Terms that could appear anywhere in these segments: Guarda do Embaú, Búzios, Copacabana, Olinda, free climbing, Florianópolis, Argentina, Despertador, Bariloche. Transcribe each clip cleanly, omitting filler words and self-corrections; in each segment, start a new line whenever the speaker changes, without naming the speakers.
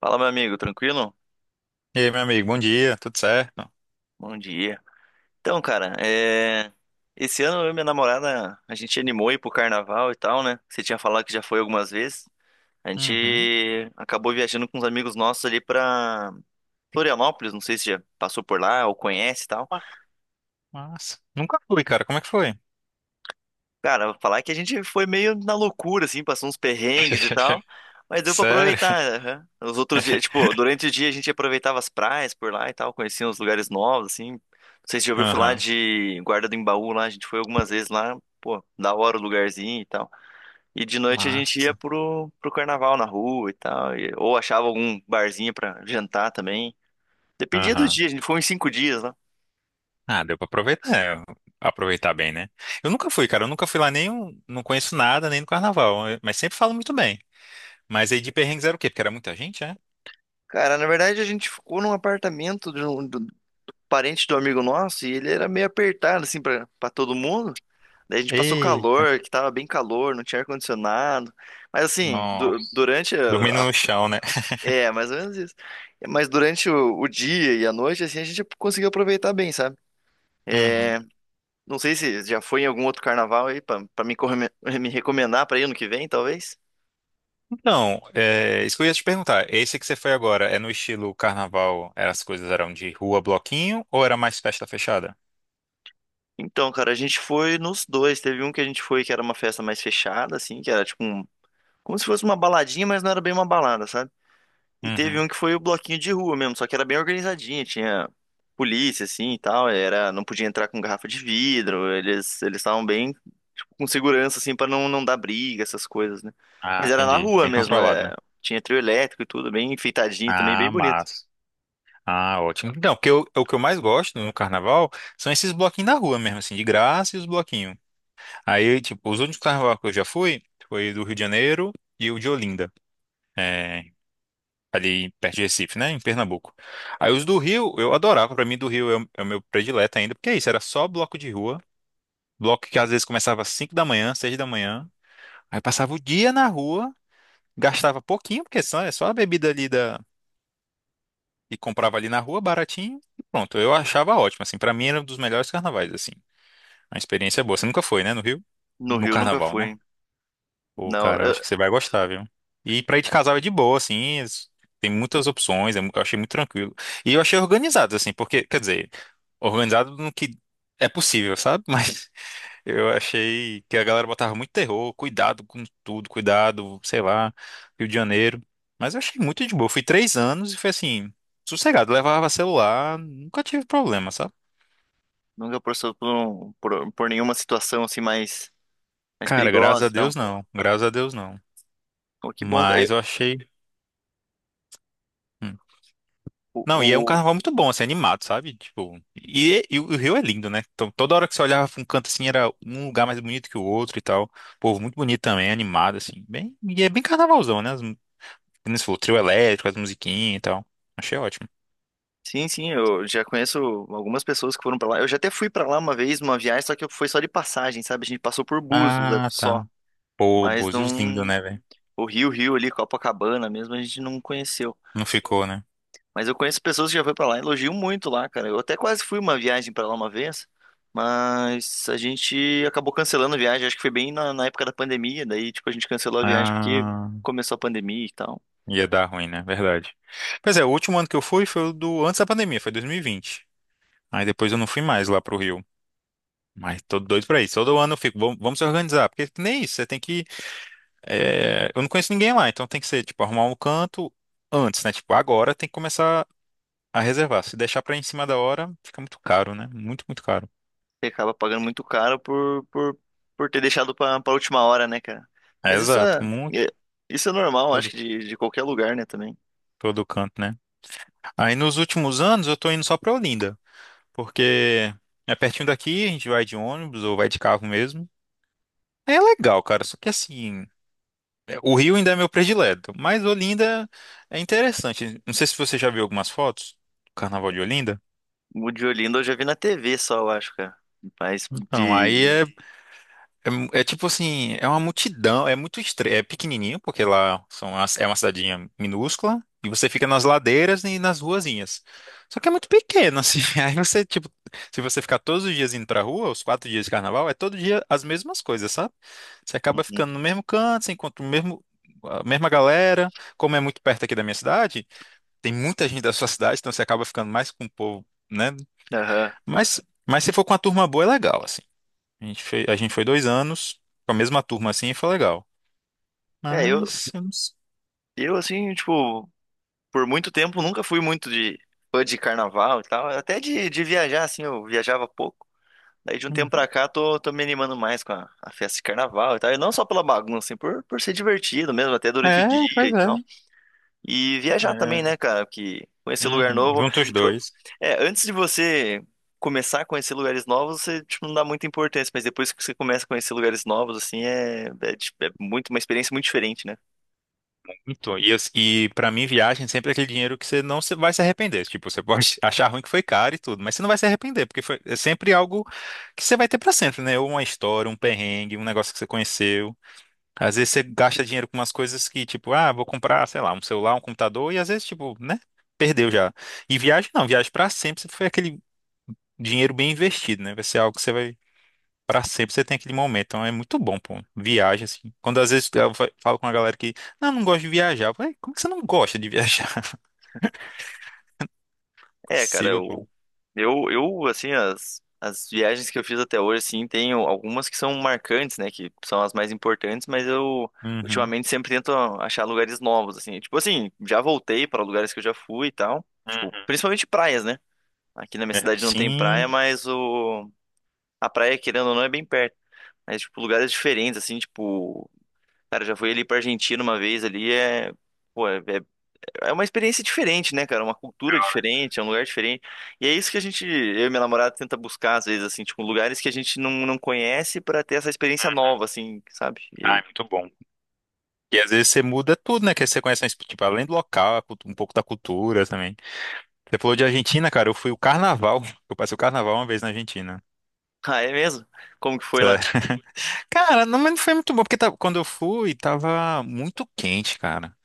Fala, meu amigo, tranquilo?
E aí, meu amigo, bom dia, tudo certo?
Bom dia. Então, cara, esse ano eu e minha namorada, a gente animou ir pro carnaval e tal, né? Você tinha falado que já foi algumas vezes. A
Uhum.
gente acabou viajando com uns amigos nossos ali pra Florianópolis, não sei se já passou por lá ou conhece e tal.
Ma- Massa. Nunca fui, cara, como é que foi?
Cara, falar que a gente foi meio na loucura, assim, passou uns perrengues e tal, mas deu pra
Sério?
aproveitar. Aham. Os outros dias, tipo, durante o dia a gente aproveitava as praias por lá e tal, conhecia uns lugares novos, assim. Não sei se já ouviu falar
Aham.
de Guarda do Embaú lá, a gente foi algumas vezes lá, pô, da hora o lugarzinho e tal. E de noite a gente ia
Massa.
pro carnaval na rua e tal, ou achava algum barzinho pra jantar também. Dependia do
Aham.
dia, a gente foi uns 5 dias lá.
Ah, deu pra aproveitar, é, aproveitar bem, né? Eu nunca fui, cara, eu nunca fui lá nem, não conheço nada, nem no carnaval, mas sempre falo muito bem. Mas aí de perrengues era o quê? Porque era muita gente, é?
Cara, na verdade a gente ficou num apartamento parente do amigo nosso e ele era meio apertado, assim, pra todo mundo. Daí a gente passou
Ei,
calor, que tava bem calor, não tinha ar-condicionado. Mas assim,
nossa. Dormindo no chão, né?
É, mais ou menos isso. Mas durante o dia e a noite, assim, a gente conseguiu aproveitar bem, sabe?
Uhum.
É, não sei se já foi em algum outro carnaval aí me recomendar pra ir ano que vem, talvez.
Então, é, isso que eu ia te perguntar, esse que você foi agora, é no estilo carnaval, as coisas eram de rua, bloquinho, ou era mais festa fechada?
Então, cara, a gente foi nos dois. Teve um que a gente foi que era uma festa mais fechada, assim, que era tipo um, como se fosse uma baladinha, mas não era bem uma balada, sabe? E teve
Uhum.
um que foi o bloquinho de rua mesmo, só que era bem organizadinho, tinha polícia assim e tal, era, não podia entrar com garrafa de vidro, eles estavam bem tipo, com segurança assim para não dar briga, essas coisas, né?
Ah,
Mas era na
entendi.
rua
Bem
mesmo,
controlado,
é,
né?
tinha trio elétrico e tudo, bem enfeitadinho também, bem
Ah,
bonito.
massa. Ah, ótimo. Então, porque o que eu mais gosto no carnaval são esses bloquinhos na rua mesmo, assim, de graça e os bloquinhos. Aí, tipo, os únicos carnaval que eu já fui foi do Rio de Janeiro e o de Olinda, é, ali perto de Recife, né, em Pernambuco. Aí os do Rio, eu adorava, pra mim do Rio é o meu predileto ainda, porque é isso, era só bloco de rua, bloco que às vezes começava às 5 da manhã, 6 da manhã, aí passava o dia na rua, gastava pouquinho, porque só, é só a bebida ali e comprava ali na rua, baratinho, e pronto. Eu achava ótimo, assim, pra mim era um dos melhores carnavais, assim. Uma experiência boa. Você nunca foi, né, no Rio?
No
No
Rio nunca
carnaval,
fui.
né?
Hein?
Pô,
Não,
cara, eu
eu
acho que você vai gostar, viu? E pra ir de casal é de boa, assim, tem muitas opções, é eu achei muito tranquilo. E eu achei organizado, assim, porque, quer dizer, organizado no que é possível, sabe? Mas eu achei que a galera botava muito terror, cuidado com tudo, cuidado, sei lá, Rio de Janeiro. Mas eu achei muito de boa. Eu fui 3 anos e foi assim, sossegado, levava celular, nunca tive problema, sabe?
nunca passou por nenhuma situação assim mais
Cara, graças
perigosa
a
e tal.
Deus não, graças a Deus não.
Pô, que bom, cara.
Mas eu achei. Hum.
Eu-
Não, e é um
o,
carnaval muito bom, assim, animado, sabe? Tipo, e o Rio é lindo, né? Então, toda hora que você olhava pra um canto assim, era um lugar mais bonito que o outro e tal. Povo muito bonito também, animado, assim. Bem, e é bem carnavalzão, né? Como você falou, trio elétrico, as musiquinhas e tal. Achei ótimo.
Sim, sim, eu já conheço algumas pessoas que foram pra lá. Eu já até fui pra lá uma vez numa viagem, só que foi só de passagem, sabe? A gente passou por Búzios né,
Ah,
só,
tá. Pô,
mas
Búzios lindo,
não
né, velho?
o Rio, Rio ali, Copacabana mesmo, a gente não conheceu.
Não ficou, né?
Mas eu conheço pessoas que já foram pra lá, elogiam muito lá, cara. Eu até quase fui uma viagem pra lá uma vez, mas a gente acabou cancelando a viagem. Acho que foi bem na época da pandemia, daí tipo a gente cancelou a viagem porque
Ah,
começou a pandemia e tal.
ia dar ruim, né? Verdade. Pois é, o último ano que eu fui foi o do antes da pandemia, foi 2020. Aí depois eu não fui mais lá pro Rio. Mas tô doido pra isso. Todo ano eu fico, vamos, vamos se organizar. Porque que nem isso, você tem que. É, eu não conheço ninguém lá, então tem que ser, tipo, arrumar um canto antes, né? Tipo, agora tem que começar a reservar. Se deixar pra em cima da hora, fica muito caro, né? Muito, muito caro.
Você acaba pagando muito caro por ter deixado pra última hora, né, cara?
É,
Mas
exato, muito.
é- isso é normal, acho que de qualquer lugar, né, também.
Todo canto, né? Aí nos últimos anos eu tô indo só pra Olinda, porque é pertinho daqui, a gente vai de ônibus ou vai de carro mesmo. É legal, cara, só que assim, é, o Rio ainda é meu predileto, mas Olinda é interessante. Não sei se você já viu algumas fotos do Carnaval de Olinda.
O de Olinda eu já vi na TV só, eu acho, cara. Mas
Então,
de...
aí
de...
é É, mu- é tipo assim, é uma multidão, é muito estranho, é pequenininho, porque lá são é uma cidadinha minúscula, e você fica nas ladeiras e nas ruazinhas. Só que é muito pequeno, assim, aí você, tipo, se você ficar todos os dias indo pra rua, os 4 dias de carnaval, é todo dia as mesmas coisas, sabe? Você acaba
Uhum.
ficando no mesmo canto, você encontra o mesmo, a mesma galera, como é muito perto aqui da minha cidade, tem muita gente da sua cidade, então você acaba ficando mais com o povo, né?
Aham.
Mas, mas se for com a turma boa, é legal, assim. A gente foi 2 anos com a mesma turma assim e foi legal.
É, eu,
Mas eu não sei.
eu, assim, tipo, por muito tempo nunca fui muito de fã de carnaval e tal. Até de viajar, assim, eu viajava pouco. Daí de um tempo
Uhum.
pra cá tô me animando mais com a festa de carnaval e tal. E não só pela bagunça, assim, por ser divertido mesmo, até durante o
É,
dia
pois
e tal.
é.
E viajar também,
É.
né, cara? Que conhecer lugar
Uhum.
novo.
Junta os
Tipo,
dois.
é, antes de você começar a conhecer lugares novos, você, tipo, não dá muita importância, mas depois que você começa a conhecer lugares novos, assim, é, tipo, é muito, uma experiência muito diferente, né?
Então, e para mim, viagem sempre é aquele dinheiro que você não vai se arrepender. Tipo, você pode achar ruim que foi caro e tudo, mas você não vai se arrepender, porque foi, é sempre algo que você vai ter pra sempre, né? Ou uma história, um perrengue, um negócio que você conheceu. Às vezes você gasta dinheiro com umas coisas que, tipo, ah, vou comprar, sei lá, um celular, um computador, e às vezes, tipo, né? Perdeu já. E viagem não, viagem pra sempre. Foi aquele dinheiro bem investido, né? Vai ser algo que você vai pra sempre, você tem aquele momento. Então é muito bom, pô. Viagem, assim. Quando às vezes eu falo com a galera que, não, não gosto de viajar. Eu falei, como que você não gosta de viajar? Não é
É, cara,
possível, pô.
eu assim, as viagens que eu fiz até hoje, assim, tem algumas que são marcantes, né, que são as mais importantes, mas eu.
Uhum.
Ultimamente sempre tento achar lugares novos, assim. Tipo assim, já voltei para lugares que eu já fui e tal. Tipo,
Uhum.
principalmente praias, né? Aqui na minha
É,
cidade não tem praia,
sim.
a praia, querendo ou não, é bem perto. Mas, tipo, lugares diferentes, assim, tipo... Cara, eu já fui ali pra Argentina uma vez ali. Pô, é uma experiência diferente, né, cara? Uma cultura
Legal, né?
diferente, é um lugar diferente. E é isso que a gente, eu e minha namorada, tenta buscar, às vezes, assim, tipo, lugares que a gente não conhece pra ter essa experiência nova,
Uhum.
assim, sabe?
Ah, é muito bom. E às vezes você muda tudo, né? Que você conhece, mas, tipo, além do local, a um pouco da cultura também. Você falou de Argentina, cara. Eu fui o carnaval. Eu passei o carnaval uma vez na Argentina.
Ah, é mesmo? Como que foi lá?
Sério. Cara, não, mas não foi muito bom, porque quando eu fui, tava muito quente, cara.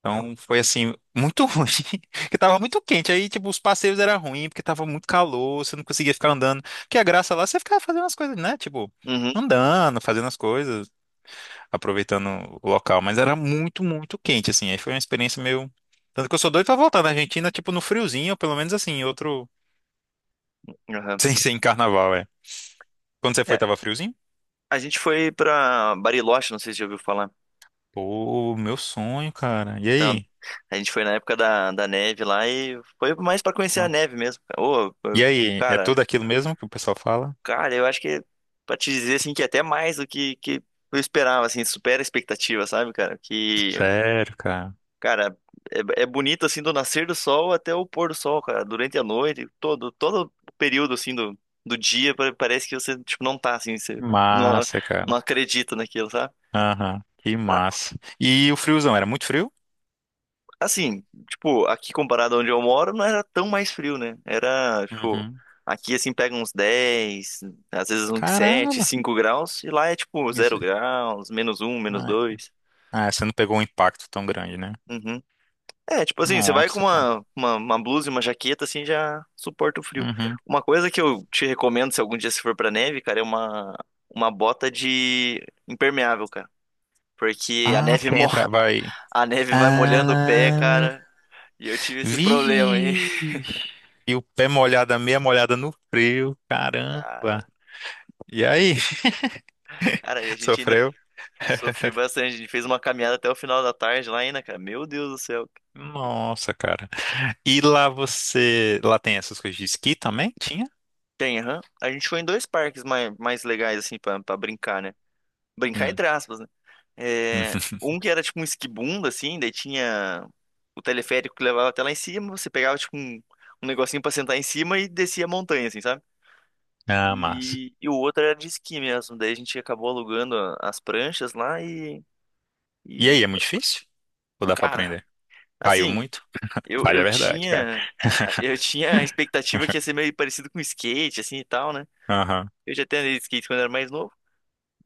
Então foi assim, muito ruim, porque tava muito quente. Aí, tipo, os passeios eram ruins, porque tava muito calor, você não conseguia ficar andando. Porque a graça lá, você ficava fazendo as coisas, né? Tipo,
Uhum,
andando, fazendo as coisas, aproveitando o local. Mas era muito, muito quente, assim. Aí foi uma experiência meio. Tanto que eu sou doido pra voltar na Argentina, tipo, no friozinho, ou pelo menos assim, em outro.
aham.
Sem ser em carnaval, é. Quando você
É,
foi, tava friozinho?
a gente foi pra Bariloche, não sei se já ouviu falar.
Pô, meu sonho, cara. E
Então,
aí?
a gente foi na época da neve lá e foi mais pra conhecer
Ó.
a neve mesmo. Ô,
E aí, é
cara,
tudo aquilo mesmo que o pessoal fala?
cara, eu acho que pra te dizer assim que é até mais do que eu esperava, assim, supera a expectativa, sabe, cara? Que,
Sério, cara.
cara, é bonito assim do nascer do sol até o pôr do sol, cara, durante a noite, todo o período assim do dia, parece que você tipo não tá assim, você não,
Massa, cara.
não acredita naquilo, sabe?
Aham, que massa. E o friozão, era muito frio?
Assim, tipo, aqui comparado a onde eu moro, não era tão mais frio, né? Era, tipo,
Uhum.
aqui assim pega uns 10, às vezes uns 7,
Caramba,
5 graus, e lá é tipo zero
isso.
graus, -1, menos
Ai.
2.
Ah, você não pegou um impacto tão grande, né?
Uhum. É, tipo assim, você vai com
Nossa, cara.
uma blusa e uma jaqueta, assim, já suporta o frio.
Uhum.
Uma coisa que eu te recomendo, se algum dia você for pra neve, cara, é uma bota de impermeável, cara. Porque
Ah, porque entra, vai.
a neve vai molhando o pé,
Ah,
cara, e eu tive esse problema aí.
vixe. E o pé molhado, a meia molhada no frio, caramba. E aí,
Cara, e a gente ainda
sofreu?
sofreu bastante. A gente fez uma caminhada até o final da tarde lá ainda, cara. Meu Deus do céu.
Nossa, cara. E lá você, lá tem essas coisas de esqui também? Tinha?
Tem, aham. A gente foi em dois parques mais, legais, assim, pra brincar, né? Brincar
Hum.
entre aspas, né? É, um que era tipo um esquibundo, assim, daí tinha o teleférico que levava até lá em cima. Você pegava, tipo, um negocinho pra sentar em cima e descia a montanha, assim, sabe?
Ah, massa.
E o outro era de esqui mesmo. Daí a gente acabou alugando as pranchas lá e,
E aí,
e
é muito difícil? Ou dá pra
cara.
aprender? Caiu
Assim,
muito?
Eu,
Falha
eu
a verdade, cara.
tinha. Eu tinha a expectativa que ia ser meio parecido com skate, assim e tal, né?
Aham.
Eu já até andei de skate quando era mais novo,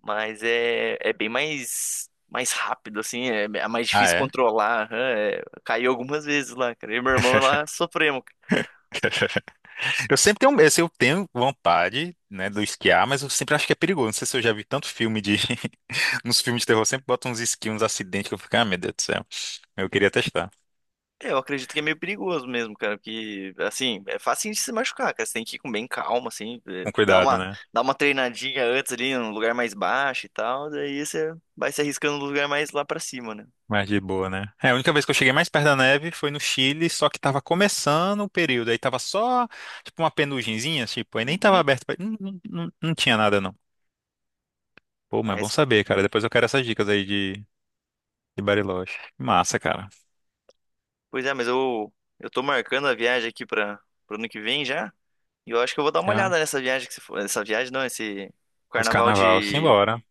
mas é bem mais rápido, assim, é mais
Ah,
difícil
é?
controlar. Aham, é, caiu algumas vezes lá, cara. Eu e meu irmão lá sofremos.
Eu sempre tenho vontade, né, do esquiar, mas eu sempre acho que é perigoso. Não sei se eu já vi tanto filme de. Nos filmes de terror sempre botam uns esquios, uns acidentes que eu fico, ah, meu Deus do céu. Eu queria testar.
É, eu acredito que é meio perigoso mesmo, cara, porque, assim, é fácil de se machucar, cara. Você tem que ir com bem calma, assim, é,
Com
dar
cuidado,
uma,
né?
dar uma treinadinha antes ali, num lugar mais baixo e tal, daí você vai se arriscando no lugar mais lá pra cima, né?
Mas de boa, né? É, a única vez que eu cheguei mais perto da neve foi no Chile, só que tava começando o período. Aí tava só, tipo, uma penugenzinha, tipo, aí nem tava
Uhum.
aberto. Não, não, não tinha nada, pô, mas é bom saber, cara. Depois eu quero essas dicas aí de, Bariloche. Massa, cara.
Pois é, mas eu tô marcando a viagem aqui para o ano que vem já. E eu acho que eu vou dar uma
Já.
olhada nessa viagem que você falou. Essa viagem não, esse
Esse
carnaval
carnaval,
de,
simbora.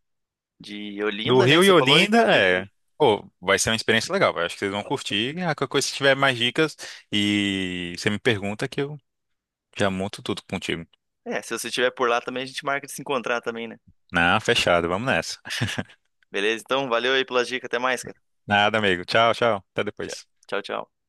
de
Do
Olinda, né?
Rio
Que
e
você falou, e
Olinda,
do
é.
Rio.
Pô, vai ser uma experiência legal, vai. Acho que vocês vão curtir. Ah, qualquer coisa, se tiver mais dicas e você me pergunta que eu já monto tudo contigo.
É, se você estiver por lá também, a gente marca de se encontrar também, né?
Não, fechado. Vamos nessa.
Beleza? Então, valeu aí pelas dicas. Até mais, cara.
Nada, amigo. Tchau, tchau. Até
Tchau,
depois.
tchau. Tchau.